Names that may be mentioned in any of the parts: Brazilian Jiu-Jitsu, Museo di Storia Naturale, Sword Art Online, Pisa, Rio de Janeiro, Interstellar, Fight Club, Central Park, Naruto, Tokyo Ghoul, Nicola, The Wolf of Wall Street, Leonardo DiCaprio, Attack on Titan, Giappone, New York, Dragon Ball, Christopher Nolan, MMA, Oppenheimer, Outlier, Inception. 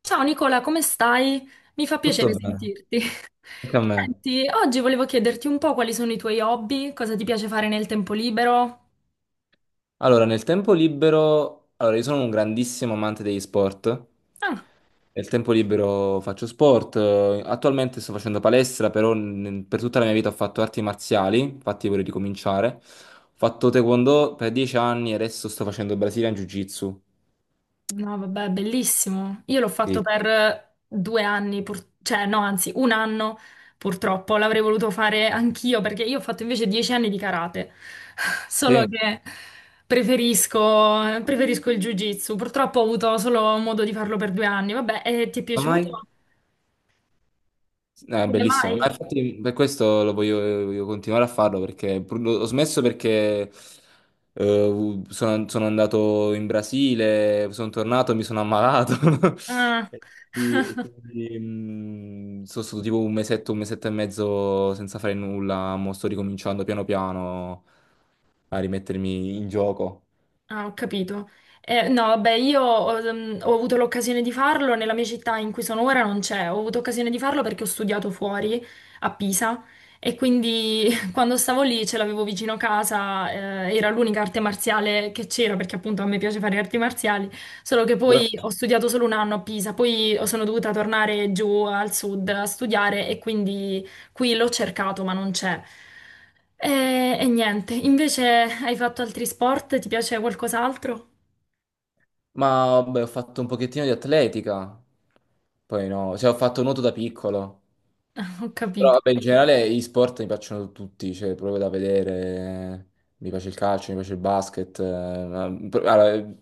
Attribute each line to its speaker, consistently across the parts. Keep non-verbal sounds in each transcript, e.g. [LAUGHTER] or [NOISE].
Speaker 1: Ciao Nicola, come stai? Mi fa
Speaker 2: Tutto
Speaker 1: piacere
Speaker 2: bene,
Speaker 1: sentirti.
Speaker 2: anche a
Speaker 1: [LAUGHS]
Speaker 2: me.
Speaker 1: Senti, oggi volevo chiederti un po' quali sono i tuoi hobby, cosa ti piace fare nel tempo libero.
Speaker 2: Allora, nel tempo libero, io sono un grandissimo amante degli sport.
Speaker 1: Ah,
Speaker 2: Nel tempo libero faccio sport. Attualmente sto facendo palestra, però per tutta la mia vita ho fatto arti marziali, infatti vorrei ricominciare. Ho fatto taekwondo per 10 anni e adesso sto facendo Brazilian Jiu-Jitsu.
Speaker 1: no, vabbè, bellissimo. Io l'ho fatto
Speaker 2: Sì.
Speaker 1: per 2 anni, pur- cioè no, anzi, 1 anno purtroppo. L'avrei voluto fare anch'io perché io ho fatto invece 10 anni di karate, [LAUGHS] solo
Speaker 2: Sì.
Speaker 1: che preferisco il jiu-jitsu. Purtroppo ho avuto solo modo di farlo per 2 anni. Vabbè, e ti è
Speaker 2: Come mai?
Speaker 1: piaciuto? Come
Speaker 2: Bellissimo,
Speaker 1: mai?
Speaker 2: ma infatti per questo voglio continuare a farlo perché ho smesso perché sono andato in Brasile, sono tornato e mi sono ammalato [LAUGHS]
Speaker 1: Ah,
Speaker 2: e e
Speaker 1: [LAUGHS]
Speaker 2: quindi, sono stato tipo un mesetto e mezzo senza fare nulla, mo sto ricominciando piano piano a rimettermi in gioco.
Speaker 1: ah, ho capito. No, vabbè, io ho, ho avuto l'occasione di farlo nella mia città in cui sono ora, non c'è. Ho avuto occasione di farlo perché ho studiato fuori a Pisa e quindi [LAUGHS] quando stavo lì ce l'avevo vicino casa, era l'unica arte marziale che c'era perché appunto a me piace fare arti marziali, solo che poi
Speaker 2: Però...
Speaker 1: ho studiato solo 1 anno a Pisa, poi sono dovuta tornare giù al sud a studiare e quindi... Qui l'ho cercato, ma non c'è. E niente, invece hai fatto altri sport? Ti piace qualcos'altro?
Speaker 2: Ma vabbè, ho fatto un pochettino di atletica, poi no, cioè ho fatto nuoto da piccolo.
Speaker 1: [LAUGHS] Ho
Speaker 2: Però
Speaker 1: capito.
Speaker 2: vabbè, in generale gli sport mi piacciono tutti, cioè proprio da vedere. Mi piace il calcio, mi piace il basket.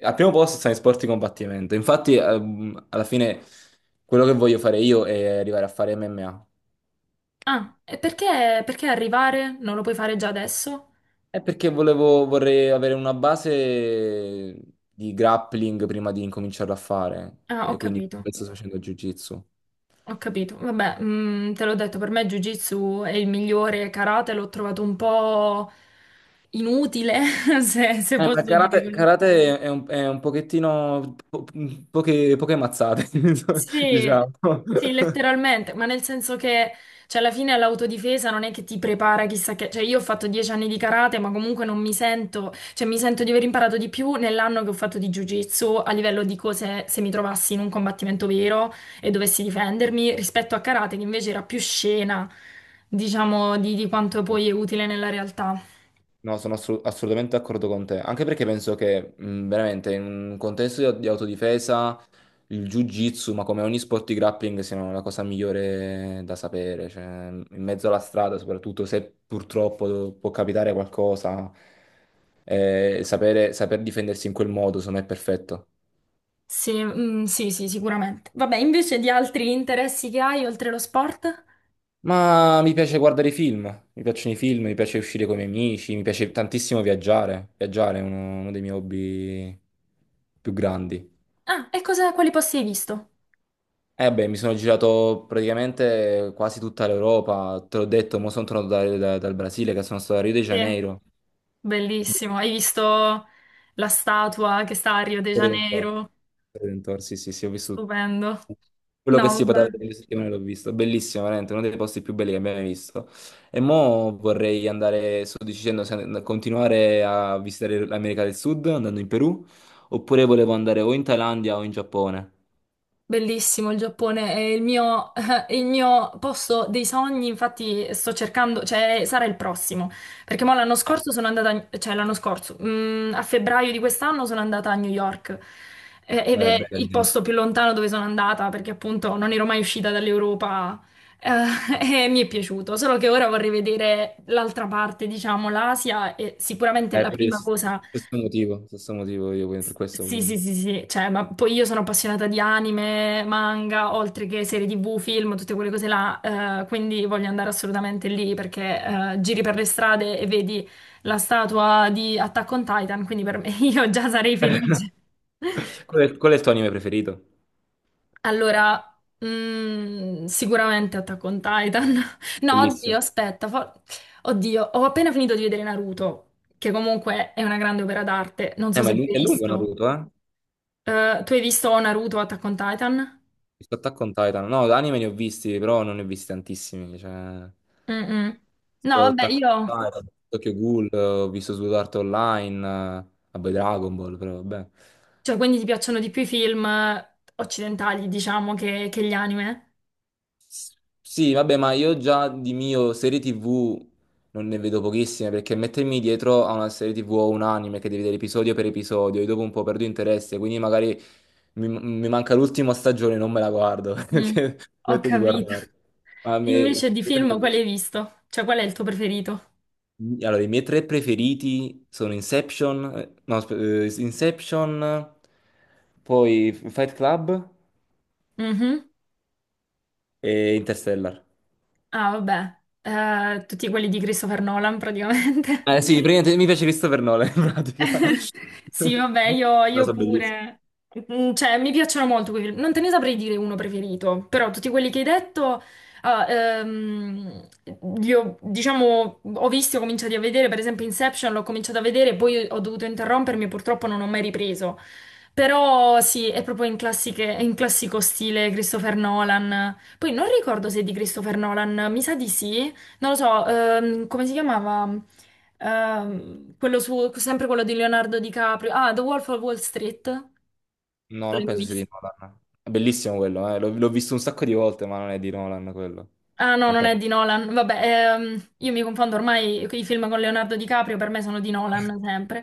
Speaker 2: Al primo posto stanno i sport di combattimento. Infatti, alla fine quello che voglio fare io è arrivare a fare MMA.
Speaker 1: Ah, e perché, perché arrivare? Non lo puoi fare già adesso?
Speaker 2: È perché vorrei avere una base di grappling prima di incominciarlo a fare.
Speaker 1: Ah, ho
Speaker 2: E quindi
Speaker 1: capito,
Speaker 2: questo sto facendo jiu-jitsu.
Speaker 1: ho capito. Vabbè, mm, te l'ho detto, per me Jiu-Jitsu è il migliore, karate l'ho trovato un po' inutile, [LAUGHS] se, se
Speaker 2: Ma
Speaker 1: posso dire così.
Speaker 2: karate è è un pochettino poche, poche mazzate, [LAUGHS]
Speaker 1: Sì,
Speaker 2: diciamo.
Speaker 1: sì, letteralmente, ma nel senso che, cioè, alla fine l'autodifesa non è che ti prepara chissà che, cioè, io ho fatto 10 anni di karate, ma comunque non mi sento, cioè, mi sento di aver imparato di più nell'anno che ho fatto di jiu-jitsu a livello di cose, se mi trovassi in un combattimento vero e dovessi difendermi, rispetto a karate, che invece era più scena, diciamo, di quanto poi è utile nella realtà.
Speaker 2: No, sono assolutamente d'accordo con te, anche perché penso che veramente in un contesto di autodifesa il jiu-jitsu, ma come ogni sport di grappling, siano la cosa migliore da sapere, cioè, in mezzo alla strada, soprattutto se purtroppo può capitare qualcosa, saper difendersi in quel modo, secondo me è perfetto.
Speaker 1: Sì, mm, sì, sì, sicuramente. Vabbè, invece di altri interessi che hai oltre lo sport?
Speaker 2: Ma mi piace guardare i film, mi piacciono i film, mi piace uscire con i miei amici, mi piace tantissimo viaggiare. Viaggiare è uno dei miei hobby più grandi.
Speaker 1: Ah, e cosa, quali posti hai visto?
Speaker 2: Eh beh, mi sono girato praticamente quasi tutta l'Europa, te l'ho detto, mo sono tornato dal Brasile, che sono stato a Rio de
Speaker 1: Sì.
Speaker 2: Janeiro.
Speaker 1: Bellissimo.
Speaker 2: Bellissimo.
Speaker 1: Hai visto la statua che sta a Rio de
Speaker 2: Torre del Tor-
Speaker 1: Janeiro?
Speaker 2: Torre del Tor, sì, sì, sì, ho visto.
Speaker 1: Stupendo.
Speaker 2: Quello che
Speaker 1: No,
Speaker 2: si
Speaker 1: vabbè.
Speaker 2: poteva vedere in settimane l'ho visto, bellissimo, veramente, uno dei posti più belli che abbiamo mai visto. E mo vorrei andare, sto dicendo, se continuare a visitare l'America del Sud andando in Perù, oppure volevo andare o in Thailandia o in Giappone.
Speaker 1: Bellissimo il Giappone, è il mio, [LAUGHS] è il mio posto dei sogni, infatti sto cercando, cioè sarà il prossimo, perché mo l'anno scorso sono andata, cioè l'anno scorso, mm, a febbraio di quest'anno sono andata a New York ed
Speaker 2: Beh,
Speaker 1: è il
Speaker 2: bene.
Speaker 1: posto più lontano dove sono andata, perché appunto non ero mai uscita dall'Europa eh, [LAUGHS] e mi è piaciuto, solo che ora vorrei vedere l'altra parte, diciamo l'Asia e sicuramente la
Speaker 2: Per il
Speaker 1: prima
Speaker 2: stesso
Speaker 1: cosa
Speaker 2: stesso motivo, stesso motivo io quindi per questo
Speaker 1: sì,
Speaker 2: volevo...
Speaker 1: sì, sì, sì, cioè, ma poi io sono appassionata di anime, manga, oltre che serie TV, film, tutte quelle cose là, quindi voglio andare assolutamente lì perché giri per le strade e vedi la statua di Attack on Titan, quindi per me [LAUGHS] io già sarei
Speaker 2: [LAUGHS]
Speaker 1: felice.
Speaker 2: Qual è il tuo anime preferito?
Speaker 1: Allora, mm, sicuramente Attack on Titan. [LAUGHS] No, oddio,
Speaker 2: Bellissimo.
Speaker 1: aspetta. Oddio, ho appena finito di vedere Naruto, che comunque è una grande opera d'arte. Non so
Speaker 2: Ma
Speaker 1: se
Speaker 2: è
Speaker 1: l'hai
Speaker 2: è lungo
Speaker 1: visto.
Speaker 2: Naruto, eh?
Speaker 1: Tu hai visto Naruto Attack on Titan?
Speaker 2: Visto Attack on Titan. No, anime ne ho visti, però non ne ho visti tantissimi. Cioè,
Speaker 1: Mm-mm. No,
Speaker 2: sto
Speaker 1: vabbè,
Speaker 2: Attack
Speaker 1: io...
Speaker 2: on Titan, ho visto Tokyo Ghoul, ho visto Sword Art Online, eh, vabbè Dragon Ball, però vabbè.
Speaker 1: Cioè, quindi ti piacciono di più i film occidentali, diciamo, che gli anime?
Speaker 2: S- Sì, vabbè, ma io già di mio serie TV non ne vedo pochissime perché mettermi dietro a una serie TV o un anime che devi vedere episodio per episodio, io dopo un po' perdo interesse, quindi magari mi manca l'ultima stagione e non me la guardo [LAUGHS]
Speaker 1: Mm.
Speaker 2: perché
Speaker 1: Ho
Speaker 2: smetto di
Speaker 1: capito.
Speaker 2: guardarla.
Speaker 1: [LAUGHS]
Speaker 2: Ma a me
Speaker 1: Invece di
Speaker 2: succede sempre
Speaker 1: film, quale
Speaker 2: così.
Speaker 1: hai visto? Cioè, qual è il tuo preferito?
Speaker 2: Allora, i miei tre preferiti sono Inception, no, aspe- Inception, poi Fight Club
Speaker 1: Mhm.
Speaker 2: e Interstellar.
Speaker 1: Ah, vabbè. Tutti quelli di Christopher Nolan, praticamente.
Speaker 2: Eh sì, praticamente mi piace Christopher Nolan in pratica.
Speaker 1: [LAUGHS] Sì,
Speaker 2: [LAUGHS]
Speaker 1: vabbè,
Speaker 2: No,
Speaker 1: io
Speaker 2: so bellissimo.
Speaker 1: pure. Mm, cioè, mi piacciono molto quei film. Non te ne saprei dire uno preferito, però tutti quelli che hai detto, ah, li ho, diciamo, ho visto, ho cominciato a vedere, per esempio Inception, l'ho cominciato a vedere, poi ho dovuto interrompermi e purtroppo non ho mai ripreso. Però sì, è proprio in classico stile Christopher Nolan. Poi non ricordo se è di Christopher Nolan, mi sa di sì. Non lo so, come si chiamava? Quello su, sempre quello di Leonardo DiCaprio. Ah, The Wolf of Wall Street.
Speaker 2: No, non
Speaker 1: L'hai
Speaker 2: penso sia di
Speaker 1: visto?
Speaker 2: Nolan. È bellissimo quello, l'ho visto un sacco di volte, ma non è di Nolan quello.
Speaker 1: Ah no,
Speaker 2: Non
Speaker 1: non è
Speaker 2: penso.
Speaker 1: di Nolan. Vabbè, io mi confondo ormai i film con Leonardo DiCaprio, per me sono di Nolan sempre.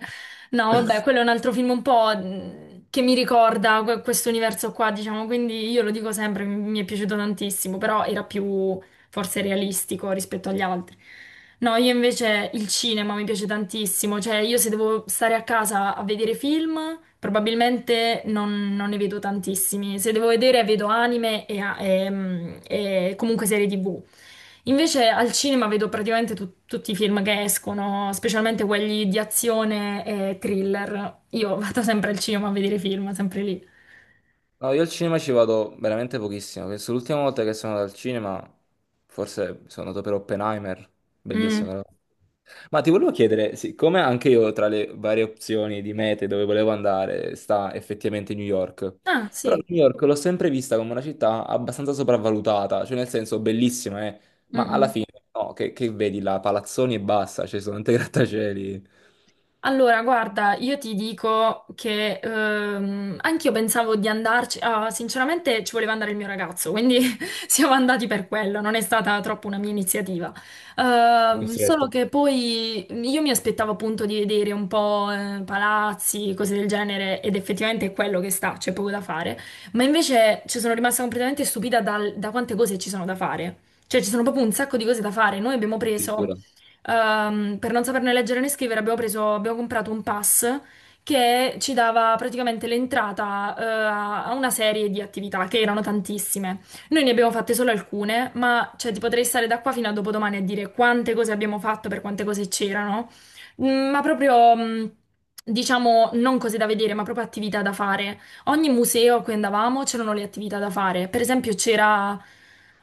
Speaker 1: No, vabbè, quello è un altro film un po' che mi ricorda questo universo qua, diciamo, quindi io lo dico sempre, mi è piaciuto tantissimo, però era più forse realistico rispetto agli altri. No, io invece il cinema mi piace tantissimo, cioè io se devo stare a casa a vedere film, probabilmente non ne vedo tantissimi, se devo vedere vedo anime e, mm, e comunque serie TV. Invece al cinema vedo praticamente tutti i film che escono, specialmente quelli di azione e thriller. Io [LAUGHS] vado sempre al cinema a vedere film, sempre lì.
Speaker 2: No, io al cinema ci vado veramente pochissimo. Penso l'ultima volta che sono andato al cinema, forse sono andato per Oppenheimer,
Speaker 1: Mm.
Speaker 2: bellissimo. Però. Ma ti volevo chiedere, siccome anche io tra le varie opzioni di mete dove volevo andare sta effettivamente New York,
Speaker 1: Ah,
Speaker 2: però
Speaker 1: sì.
Speaker 2: New York l'ho sempre vista come una città abbastanza sopravvalutata, cioè nel senso bellissima,
Speaker 1: Mm,
Speaker 2: ma alla
Speaker 1: mm.
Speaker 2: fine no, che vedi là, palazzoni e basta, ci sono tanti grattacieli.
Speaker 1: Allora, guarda, io ti dico che anch'io pensavo di andarci, ah, sinceramente ci voleva andare il mio ragazzo, quindi [LAUGHS] siamo andati per quello, non è stata troppo una mia iniziativa. Solo
Speaker 2: Costretto.
Speaker 1: che poi io mi aspettavo appunto di vedere un po' palazzi, cose del genere, ed effettivamente è quello che sta, c'è poco da fare, ma invece ci sono rimasta completamente stupita da quante cose ci sono da fare. Cioè, ci sono proprio un sacco di cose da fare. Noi abbiamo preso
Speaker 2: Addirittura.
Speaker 1: per non saperne leggere né scrivere abbiamo comprato un pass che ci dava praticamente l'entrata, a a una serie di attività che erano tantissime. Noi ne abbiamo fatte solo alcune, ma cioè, ti potrei stare da qua fino a dopodomani a dire quante cose abbiamo fatto, per quante cose c'erano, mm, ma proprio, mm, diciamo, non cose da vedere, ma proprio attività da fare. Ogni museo a cui andavamo c'erano le attività da fare. Per esempio c'era,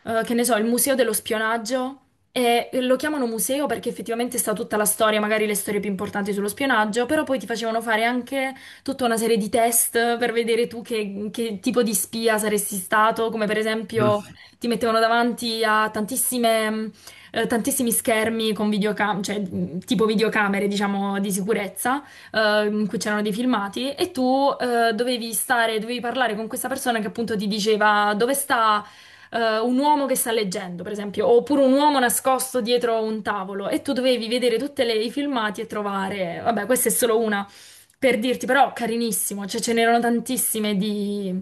Speaker 1: che ne so, il museo dello spionaggio. E lo chiamano museo perché effettivamente sta tutta la storia, magari le storie più importanti sullo spionaggio, però poi ti facevano fare anche tutta una serie di test per vedere tu che tipo di spia saresti stato, come per esempio
Speaker 2: [LAUGHS]
Speaker 1: ti mettevano davanti a tantissime, tantissimi schermi con videocamere, cioè tipo videocamere, diciamo, di sicurezza, in cui c'erano dei filmati, e tu dovevi stare, dovevi parlare con questa persona che appunto ti diceva dove sta un uomo che sta leggendo, per esempio, oppure un uomo nascosto dietro un tavolo e tu dovevi vedere tutti i filmati e trovare, vabbè, questa è solo una per dirti, però carinissimo, cioè ce n'erano tantissime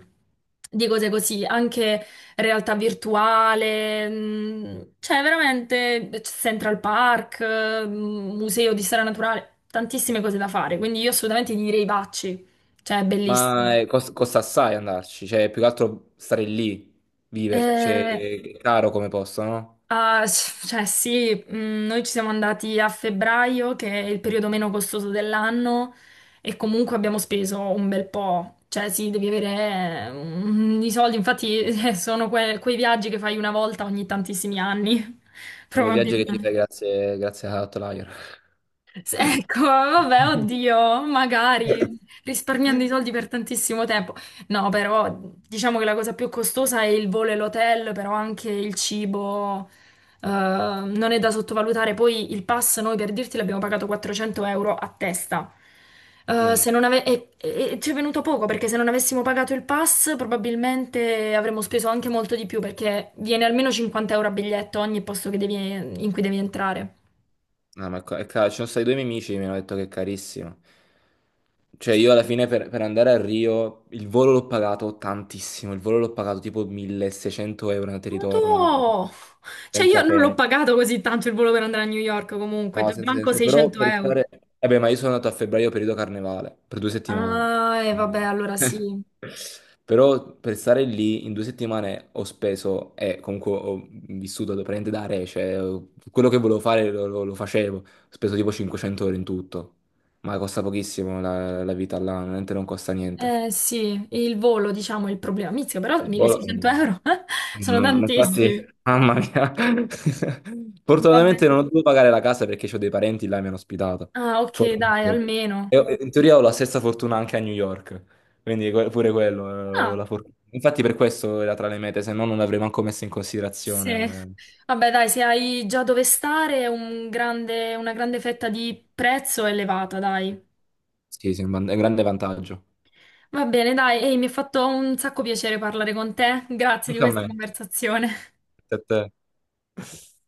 Speaker 1: di cose così, anche realtà virtuale, cioè veramente Central Park, Museo di Storia Naturale, tantissime cose da fare, quindi io assolutamente ti direi vacci, cioè è bellissimo.
Speaker 2: Ma costa assai andarci, cioè più che altro stare lì, viverci, cioè,
Speaker 1: Eh,
Speaker 2: è caro come posto, no?
Speaker 1: Cioè sì, mm, noi ci siamo andati a febbraio, che è il periodo meno costoso dell'anno, e comunque abbiamo speso un bel po'. Cioè sì, devi avere mm, i soldi, infatti [LAUGHS] sono quei viaggi che fai una volta ogni tantissimi anni, [LAUGHS]
Speaker 2: È un viaggio che ti
Speaker 1: probabilmente.
Speaker 2: fai grazie a Outlier.
Speaker 1: Ecco, vabbè, oddio, magari risparmiando i soldi per tantissimo tempo. No, però diciamo che la cosa più costosa è il volo e l'hotel, però anche il cibo non è da sottovalutare. Poi il pass, noi per dirti, l'abbiamo pagato 400 euro a testa.
Speaker 2: Mm.
Speaker 1: Se non ave- e ci è venuto poco perché se non avessimo pagato il pass probabilmente avremmo speso anche molto di più perché viene almeno 50 euro a biglietto ogni posto in cui devi entrare.
Speaker 2: No, ma è è caro. Ci sono stati due miei amici che mi hanno detto che è carissimo. Cioè io alla fine per andare a Rio il volo l'ho pagato tantissimo, il volo l'ho pagato tipo 1600 € andata e
Speaker 1: Ma
Speaker 2: ritorno, una cosa
Speaker 1: tu! Cioè io
Speaker 2: senza
Speaker 1: non l'ho
Speaker 2: senso.
Speaker 1: pagato così tanto il volo per andare a New York comunque,
Speaker 2: No,
Speaker 1: cioè,
Speaker 2: senza
Speaker 1: manco
Speaker 2: senso. Però
Speaker 1: 600
Speaker 2: per
Speaker 1: euro.
Speaker 2: stare... Vabbè, ma io sono andato a febbraio periodo carnevale, per due settimane.
Speaker 1: Ah, e vabbè,
Speaker 2: Eh.
Speaker 1: allora
Speaker 2: [LAUGHS]
Speaker 1: sì.
Speaker 2: Però per stare lì in due settimane ho speso, e comunque ho vissuto praticamente da re, cioè quello che volevo fare lo facevo. Ho speso tipo 500 ore in tutto. Ma costa pochissimo la vita là, veramente non costa niente.
Speaker 1: Eh sì, il volo, diciamo, è il problema. Mizzica, però
Speaker 2: Il volo...
Speaker 1: 1600 euro [LAUGHS] eh? Sono
Speaker 2: Mamma mia, infatti,
Speaker 1: tantissimi.
Speaker 2: mamma mia. [LAUGHS]
Speaker 1: Vabbè.
Speaker 2: Fortunatamente non ho dovuto pagare la casa perché ho dei parenti là e mi hanno ospitato.
Speaker 1: Ah, ok, dai,
Speaker 2: Fortunatamente.
Speaker 1: almeno.
Speaker 2: E in teoria ho la stessa fortuna anche a New York, quindi pure quello, ho
Speaker 1: Ah,
Speaker 2: la fortuna. Infatti per questo era tra le mete, se no non l'avrei manco messo in
Speaker 1: sì.
Speaker 2: considerazione.
Speaker 1: Vabbè, dai, se hai già dove stare, una grande fetta di prezzo elevata, dai.
Speaker 2: Sì, sì, è un è un grande vantaggio.
Speaker 1: Va bene, dai, ehi, mi ha fatto un sacco piacere parlare con te. Grazie di
Speaker 2: Anche a
Speaker 1: questa
Speaker 2: me.
Speaker 1: conversazione.
Speaker 2: A te.